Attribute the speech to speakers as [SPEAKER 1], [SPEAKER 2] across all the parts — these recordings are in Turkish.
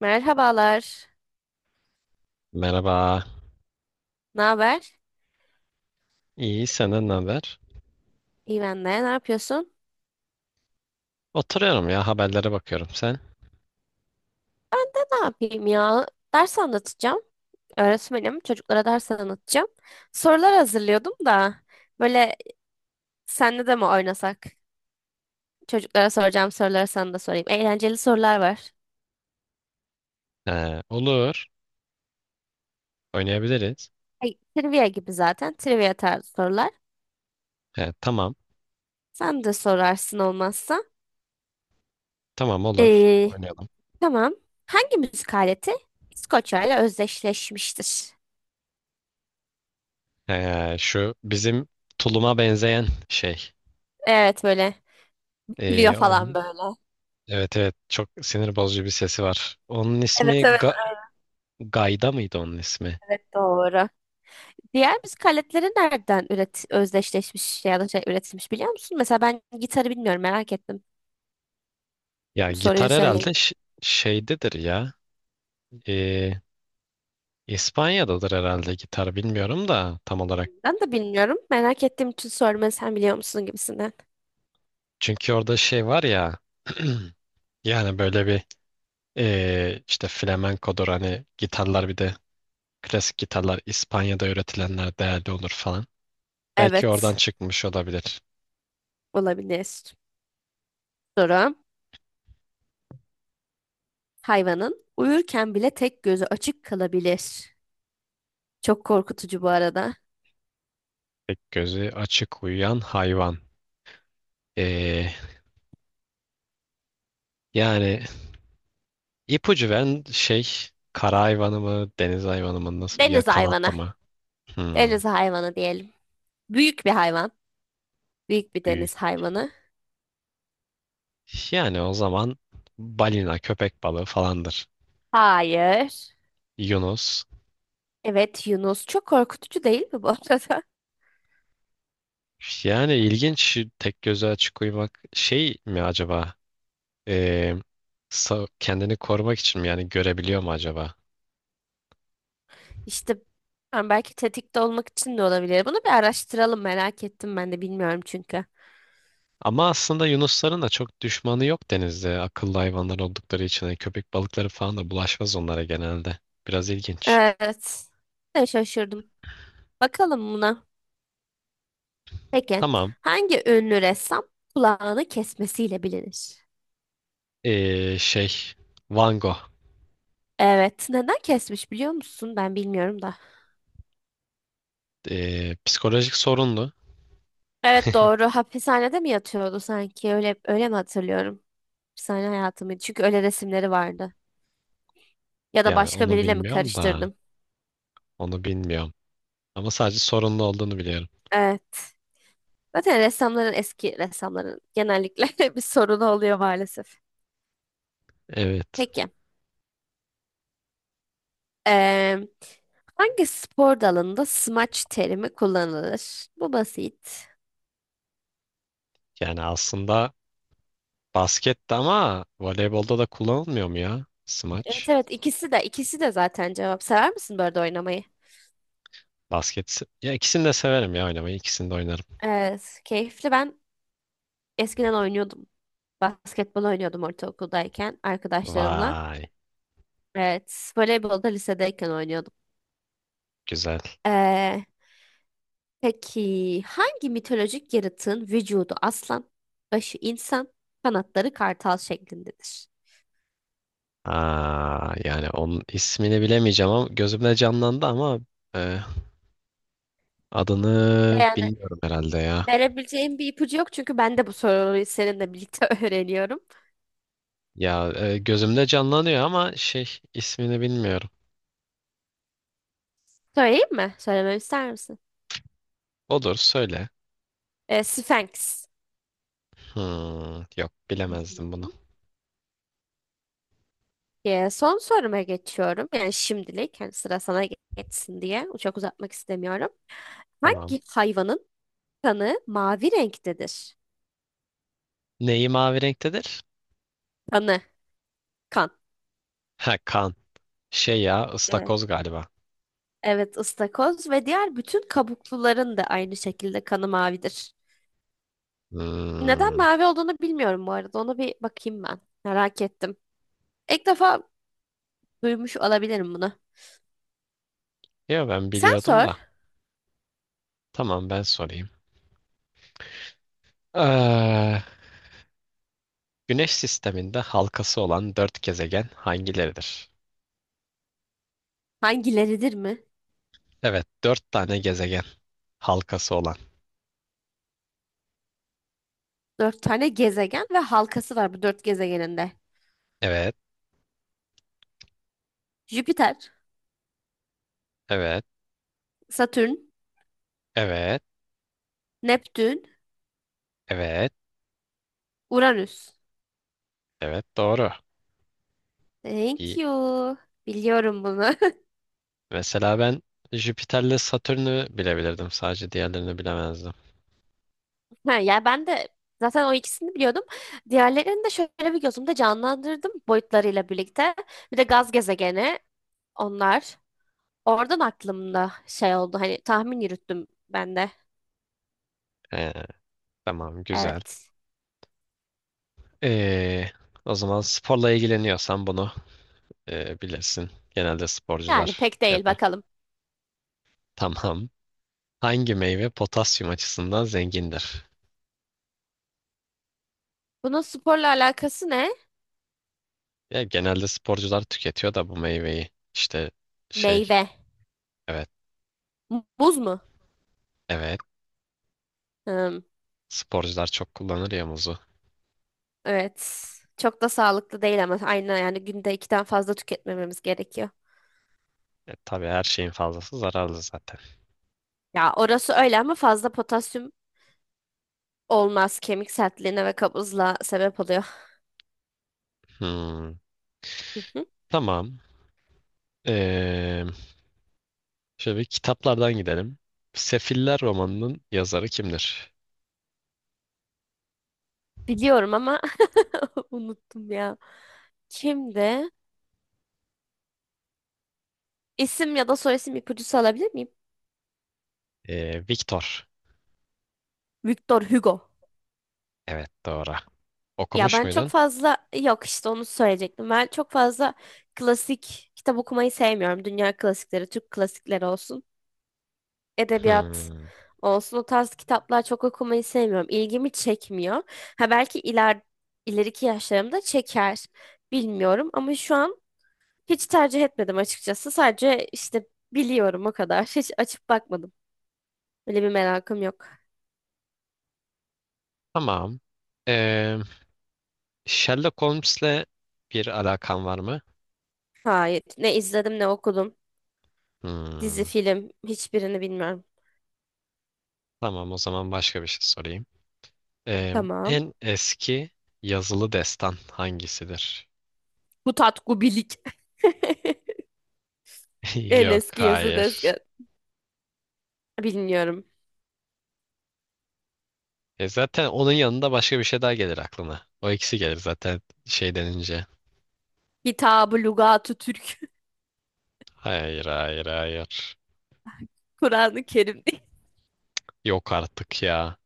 [SPEAKER 1] Merhabalar.
[SPEAKER 2] Merhaba.
[SPEAKER 1] Ne haber?
[SPEAKER 2] İyi, senden ne haber?
[SPEAKER 1] İyi ben de. Ne yapıyorsun?
[SPEAKER 2] Oturuyorum ya, haberlere bakıyorum. Sen?
[SPEAKER 1] Ben de ne yapayım ya? Ders anlatacağım. Öğretmenim. Çocuklara ders anlatacağım. Sorular hazırlıyordum da. Böyle senle de mi oynasak? Çocuklara soracağım soruları sana da sorayım. Eğlenceli sorular var.
[SPEAKER 2] He, olur, oynayabiliriz.
[SPEAKER 1] Ay, trivia gibi zaten. Trivia tarzı sorular.
[SPEAKER 2] He, tamam,
[SPEAKER 1] Sen de sorarsın olmazsa.
[SPEAKER 2] tamam olur.
[SPEAKER 1] Ee,
[SPEAKER 2] Oynayalım.
[SPEAKER 1] tamam. Hangi müzik aleti İskoçya ile özdeşleşmiştir?
[SPEAKER 2] He, şu bizim tuluma benzeyen şey.
[SPEAKER 1] Evet, böyle. Gülüyor
[SPEAKER 2] Ee,
[SPEAKER 1] falan
[SPEAKER 2] onun,
[SPEAKER 1] böyle.
[SPEAKER 2] evet evet, çok sinir bozucu bir sesi var. Onun ismi
[SPEAKER 1] Evet, evet.
[SPEAKER 2] Gayda mıydı onun ismi?
[SPEAKER 1] Evet, doğru. Diğer müzik aletleri nereden özdeşleşmiş ya da şey üretilmiş biliyor musun? Mesela ben gitarı bilmiyorum, merak ettim.
[SPEAKER 2] Ya
[SPEAKER 1] Soruyu
[SPEAKER 2] gitar
[SPEAKER 1] söyleyince.
[SPEAKER 2] herhalde şeydedir ya. Ee, İspanya'dadır herhalde gitar, bilmiyorum da tam olarak.
[SPEAKER 1] Ben de bilmiyorum. Merak ettiğim için sorma, sen biliyor musun gibisinden.
[SPEAKER 2] Çünkü orada şey var ya, yani böyle bir işte flamenkodur hani gitarlar bir de klasik gitarlar İspanya'da üretilenler değerli olur falan. Belki oradan
[SPEAKER 1] Evet,
[SPEAKER 2] çıkmış olabilir.
[SPEAKER 1] olabilir. Soru. Hayvanın uyurken bile tek gözü açık kalabilir. Çok korkutucu bu arada.
[SPEAKER 2] Tek gözü açık uyuyan hayvan. Ee, yani ipucu veren şey kara hayvanı mı deniz hayvanı mı nasıl ya
[SPEAKER 1] Deniz
[SPEAKER 2] kanatlı
[SPEAKER 1] hayvanı.
[SPEAKER 2] mı? Hmm,
[SPEAKER 1] Deniz hayvanı diyelim. Büyük bir hayvan. Büyük bir
[SPEAKER 2] büyük.
[SPEAKER 1] deniz hayvanı.
[SPEAKER 2] Yani o zaman balina köpek balığı falandır.
[SPEAKER 1] Hayır.
[SPEAKER 2] Yunus.
[SPEAKER 1] Evet, Yunus. Çok korkutucu değil mi bu arada?
[SPEAKER 2] Yani ilginç tek gözü açık uyumak şey mi acaba? Ee, kendini korumak için mi yani görebiliyor mu acaba?
[SPEAKER 1] İşte ben belki tetikte olmak için de olabilir. Bunu bir araştıralım, merak ettim, ben de bilmiyorum çünkü.
[SPEAKER 2] Ama aslında yunusların da çok düşmanı yok denizde. Akıllı hayvanlar oldukları için hani köpek balıkları falan da bulaşmaz onlara genelde. Biraz ilginç.
[SPEAKER 1] Evet. Ben şaşırdım. Bakalım buna. Peki.
[SPEAKER 2] Tamam.
[SPEAKER 1] Hangi ünlü ressam kulağını kesmesiyle bilinir?
[SPEAKER 2] Şey, Van Gogh.
[SPEAKER 1] Evet. Neden kesmiş biliyor musun? Ben bilmiyorum da.
[SPEAKER 2] Psikolojik sorunlu.
[SPEAKER 1] Evet, doğru. Hapishanede mi yatıyordu sanki? Öyle öyle mi hatırlıyorum? Hapishane hayatı mıydı? Çünkü öyle resimleri vardı. Ya da
[SPEAKER 2] Yani
[SPEAKER 1] başka
[SPEAKER 2] onu
[SPEAKER 1] biriyle mi
[SPEAKER 2] bilmiyorum da
[SPEAKER 1] karıştırdım?
[SPEAKER 2] onu bilmiyorum. Ama sadece sorunlu olduğunu biliyorum.
[SPEAKER 1] Evet. Zaten ressamların, eski ressamların genellikle bir sorunu oluyor maalesef.
[SPEAKER 2] Evet.
[SPEAKER 1] Peki. eee, hangi spor dalında smaç terimi kullanılır? Bu basit.
[SPEAKER 2] Yani aslında baskette ama voleybolda da kullanılmıyor mu ya?
[SPEAKER 1] Evet,
[SPEAKER 2] Smaç.
[SPEAKER 1] evet, ikisi de ikisi de zaten cevap. Sever misin bu oynamayı?
[SPEAKER 2] Basket. Ya ikisini de severim ya oynamayı. İkisini de oynarım.
[SPEAKER 1] Evet, keyifli. Ben eskiden oynuyordum. Basketbol oynuyordum ortaokuldayken arkadaşlarımla.
[SPEAKER 2] Vay.
[SPEAKER 1] Evet, voleybol da lisedeyken oynuyordum.
[SPEAKER 2] Güzel.
[SPEAKER 1] Peki hangi mitolojik yaratığın vücudu aslan, başı insan, kanatları kartal şeklindedir?
[SPEAKER 2] Aa, yani onun ismini bilemeyeceğim ama gözümde canlandı ama e, adını
[SPEAKER 1] Yani
[SPEAKER 2] bilmiyorum herhalde ya.
[SPEAKER 1] verebileceğim bir ipucu yok çünkü ben de bu soruyu seninle birlikte öğreniyorum.
[SPEAKER 2] Ya gözümde canlanıyor ama şey ismini bilmiyorum.
[SPEAKER 1] Söyleyeyim mi? Söylememi ister misin?
[SPEAKER 2] Odur söyle.
[SPEAKER 1] Sphinx.
[SPEAKER 2] Hmm, yok
[SPEAKER 1] Hı hı.
[SPEAKER 2] bilemezdim bunu.
[SPEAKER 1] Son soruma geçiyorum. Yani şimdilik hani sıra sana geçsin diye çok uzatmak istemiyorum.
[SPEAKER 2] Tamam.
[SPEAKER 1] Hangi hayvanın kanı mavi renktedir?
[SPEAKER 2] Neyi mavi renktedir?
[SPEAKER 1] Kanı, kan.
[SPEAKER 2] Ha kan. Şey ya ıstakoz galiba.
[SPEAKER 1] Evet, ıstakoz ve diğer bütün kabukluların da aynı şekilde kanı mavidir. Neden
[SPEAKER 2] Hmm.
[SPEAKER 1] mavi olduğunu bilmiyorum bu arada. Onu bir bakayım ben. Merak ettim. İlk defa duymuş olabilirim bunu.
[SPEAKER 2] Yo ben
[SPEAKER 1] Sen
[SPEAKER 2] biliyordum
[SPEAKER 1] sor.
[SPEAKER 2] da. Tamam ben sorayım. Ee, Güneş sisteminde halkası olan dört gezegen hangileridir?
[SPEAKER 1] Hangileridir mi?
[SPEAKER 2] Evet, dört tane gezegen halkası olan.
[SPEAKER 1] Dört tane gezegen ve halkası var bu dört gezegeninde.
[SPEAKER 2] Evet,
[SPEAKER 1] Jüpiter,
[SPEAKER 2] evet,
[SPEAKER 1] Satürn,
[SPEAKER 2] evet,
[SPEAKER 1] Neptün,
[SPEAKER 2] evet,
[SPEAKER 1] Uranüs.
[SPEAKER 2] evet, doğru.
[SPEAKER 1] Thank
[SPEAKER 2] İyi.
[SPEAKER 1] you. Biliyorum bunu.
[SPEAKER 2] Mesela ben Jüpiter'le Satürn'ü bilebilirdim. Sadece diğerlerini bilemezdim.
[SPEAKER 1] Ha, yani ben de zaten o ikisini biliyordum. Diğerlerini de şöyle bir gözümde canlandırdım boyutlarıyla birlikte. Bir de gaz gezegeni onlar. Oradan aklımda şey oldu, hani tahmin yürüttüm ben de.
[SPEAKER 2] Ee, tamam, güzel.
[SPEAKER 1] Evet.
[SPEAKER 2] Ee, o zaman sporla ilgileniyorsan bunu bilirsin. Genelde
[SPEAKER 1] Yani
[SPEAKER 2] sporcular
[SPEAKER 1] pek
[SPEAKER 2] şey
[SPEAKER 1] değil,
[SPEAKER 2] yapar.
[SPEAKER 1] bakalım.
[SPEAKER 2] Tamam. Hangi meyve potasyum açısından zengindir?
[SPEAKER 1] Bunun sporla alakası ne?
[SPEAKER 2] Ya genelde sporcular tüketiyor da bu meyveyi. İşte şey,
[SPEAKER 1] Meyve.
[SPEAKER 2] evet,
[SPEAKER 1] Muz mu?
[SPEAKER 2] evet.
[SPEAKER 1] Hmm,
[SPEAKER 2] Sporcular çok kullanır ya muzu.
[SPEAKER 1] evet. Çok da sağlıklı değil ama aynı yani günde ikiden fazla tüketmememiz gerekiyor.
[SPEAKER 2] E, tabii her şeyin fazlası zararlı zaten.
[SPEAKER 1] Ya orası öyle ama fazla potasyum olmaz. Kemik sertliğine ve kabızlığa sebep oluyor.
[SPEAKER 2] Hmm, tamam. Ee, şöyle bir kitaplardan gidelim. Sefiller romanının yazarı kimdir?
[SPEAKER 1] Biliyorum ama unuttum ya. Kimdi? İsim ya da soyisim ipucusu alabilir miyim?
[SPEAKER 2] Victor.
[SPEAKER 1] Victor Hugo.
[SPEAKER 2] Evet, doğru.
[SPEAKER 1] Ya
[SPEAKER 2] Okumuş
[SPEAKER 1] ben çok
[SPEAKER 2] muydun?
[SPEAKER 1] fazla yok işte onu söyleyecektim. Ben çok fazla klasik kitap okumayı sevmiyorum. Dünya klasikleri, Türk klasikleri olsun, edebiyat
[SPEAKER 2] Hmm,
[SPEAKER 1] olsun, o tarz kitaplar çok okumayı sevmiyorum. İlgimi çekmiyor. Ha belki ileriki yaşlarımda çeker. Bilmiyorum ama şu an hiç tercih etmedim açıkçası. Sadece işte biliyorum o kadar. Hiç açıp bakmadım. Öyle bir merakım yok.
[SPEAKER 2] tamam. Ee, Sherlock Holmes'le bir alakan var mı?
[SPEAKER 1] Hayır. Ne izledim ne okudum. Dizi,
[SPEAKER 2] Hmm,
[SPEAKER 1] film, hiçbirini bilmiyorum.
[SPEAKER 2] tamam, o zaman başka bir şey sorayım. Eee,
[SPEAKER 1] Tamam.
[SPEAKER 2] en eski yazılı destan hangisidir?
[SPEAKER 1] Bu tat En
[SPEAKER 2] Yok,
[SPEAKER 1] eski yazı
[SPEAKER 2] hayır.
[SPEAKER 1] desken. Bilmiyorum.
[SPEAKER 2] E zaten onun yanında başka bir şey daha gelir aklına. O ikisi gelir zaten şey denince.
[SPEAKER 1] Kitab-ı Lügat-ı Türk.
[SPEAKER 2] Hayır, hayır, hayır.
[SPEAKER 1] Kur'an-ı Kerim değil.
[SPEAKER 2] Yok artık ya.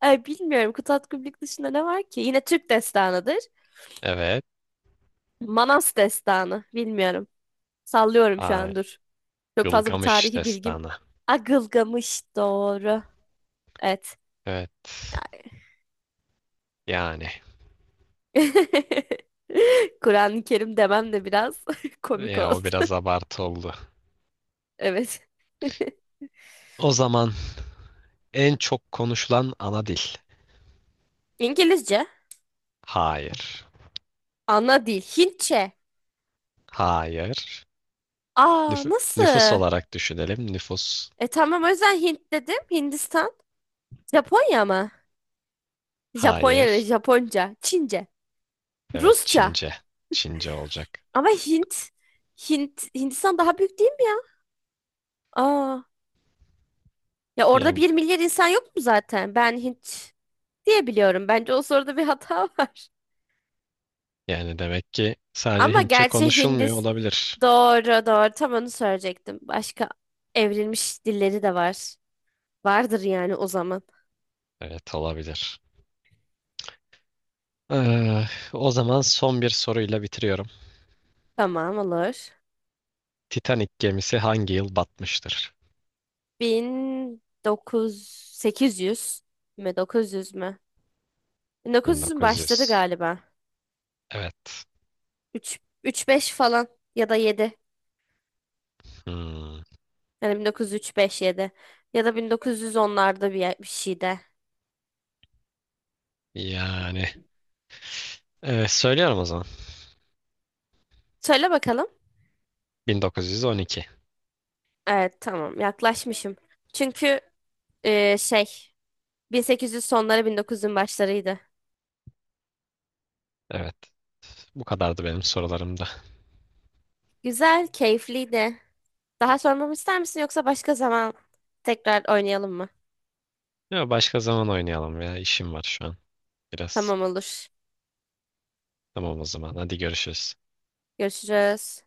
[SPEAKER 1] Ay, bilmiyorum. Kutat Kubilik dışında ne var ki? Yine Türk destanıdır.
[SPEAKER 2] Evet.
[SPEAKER 1] Manas destanı. Bilmiyorum. Sallıyorum şu
[SPEAKER 2] Hayır.
[SPEAKER 1] an dur. Çok fazla bir
[SPEAKER 2] Gılgamış
[SPEAKER 1] tarihi bilgim.
[SPEAKER 2] destanı.
[SPEAKER 1] Agılgamış doğru. Evet.
[SPEAKER 2] Evet. Yani.
[SPEAKER 1] Kur'an-ı Kerim demem de biraz komik
[SPEAKER 2] Ya
[SPEAKER 1] oldu.
[SPEAKER 2] o biraz abartı oldu.
[SPEAKER 1] Evet.
[SPEAKER 2] O zaman en çok konuşulan ana dil.
[SPEAKER 1] İngilizce.
[SPEAKER 2] Hayır.
[SPEAKER 1] Ana dil. Hintçe.
[SPEAKER 2] Hayır.
[SPEAKER 1] Aa,
[SPEAKER 2] Nüfus
[SPEAKER 1] nasıl?
[SPEAKER 2] olarak düşünelim. Nüfus.
[SPEAKER 1] E tamam, o yüzden Hint dedim. Hindistan. Japonya mı? Japonya ile
[SPEAKER 2] Hayır.
[SPEAKER 1] Japonca. Çince.
[SPEAKER 2] Evet
[SPEAKER 1] Rusça.
[SPEAKER 2] Çince. Çince olacak.
[SPEAKER 1] Ama Hint. Hint. Hindistan daha büyük değil mi ya? Aa. Ya orada
[SPEAKER 2] Yani,
[SPEAKER 1] bir milyar insan yok mu zaten? Ben Hint diye biliyorum. Bence o soruda bir hata var.
[SPEAKER 2] yani demek ki sadece
[SPEAKER 1] Ama
[SPEAKER 2] Hintçe
[SPEAKER 1] gerçi
[SPEAKER 2] konuşulmuyor olabilir.
[SPEAKER 1] Doğru doğru tam onu söyleyecektim. Başka evrilmiş dilleri de var. Vardır yani o zaman.
[SPEAKER 2] Evet olabilir. Ee, o zaman son bir soruyla bitiriyorum.
[SPEAKER 1] Tamam olur.
[SPEAKER 2] Titanic gemisi hangi yıl batmıştır?
[SPEAKER 1] 1900 mü 900 mü? 1900'ün başları
[SPEAKER 2] 1900.
[SPEAKER 1] galiba.
[SPEAKER 2] Evet.
[SPEAKER 1] 3 3-5 falan ya da 7.
[SPEAKER 2] Hmm.
[SPEAKER 1] Yani 1903-5-7 ya da 1910'larda bir şeyde.
[SPEAKER 2] Yani söylüyorum o zaman.
[SPEAKER 1] Söyle bakalım.
[SPEAKER 2] 1912.
[SPEAKER 1] Evet tamam, yaklaşmışım. Çünkü e, şey 1800 sonları 1900'ün başlarıydı.
[SPEAKER 2] Evet. Bu kadardı benim sorularımda.
[SPEAKER 1] Güzel, keyifliydi. Daha sormamı ister misin yoksa başka zaman tekrar oynayalım mı?
[SPEAKER 2] Ya başka zaman oynayalım ya. İşim var şu an biraz.
[SPEAKER 1] Tamam olur.
[SPEAKER 2] Tamam o zaman. Hadi görüşürüz.
[SPEAKER 1] Görüşürüz.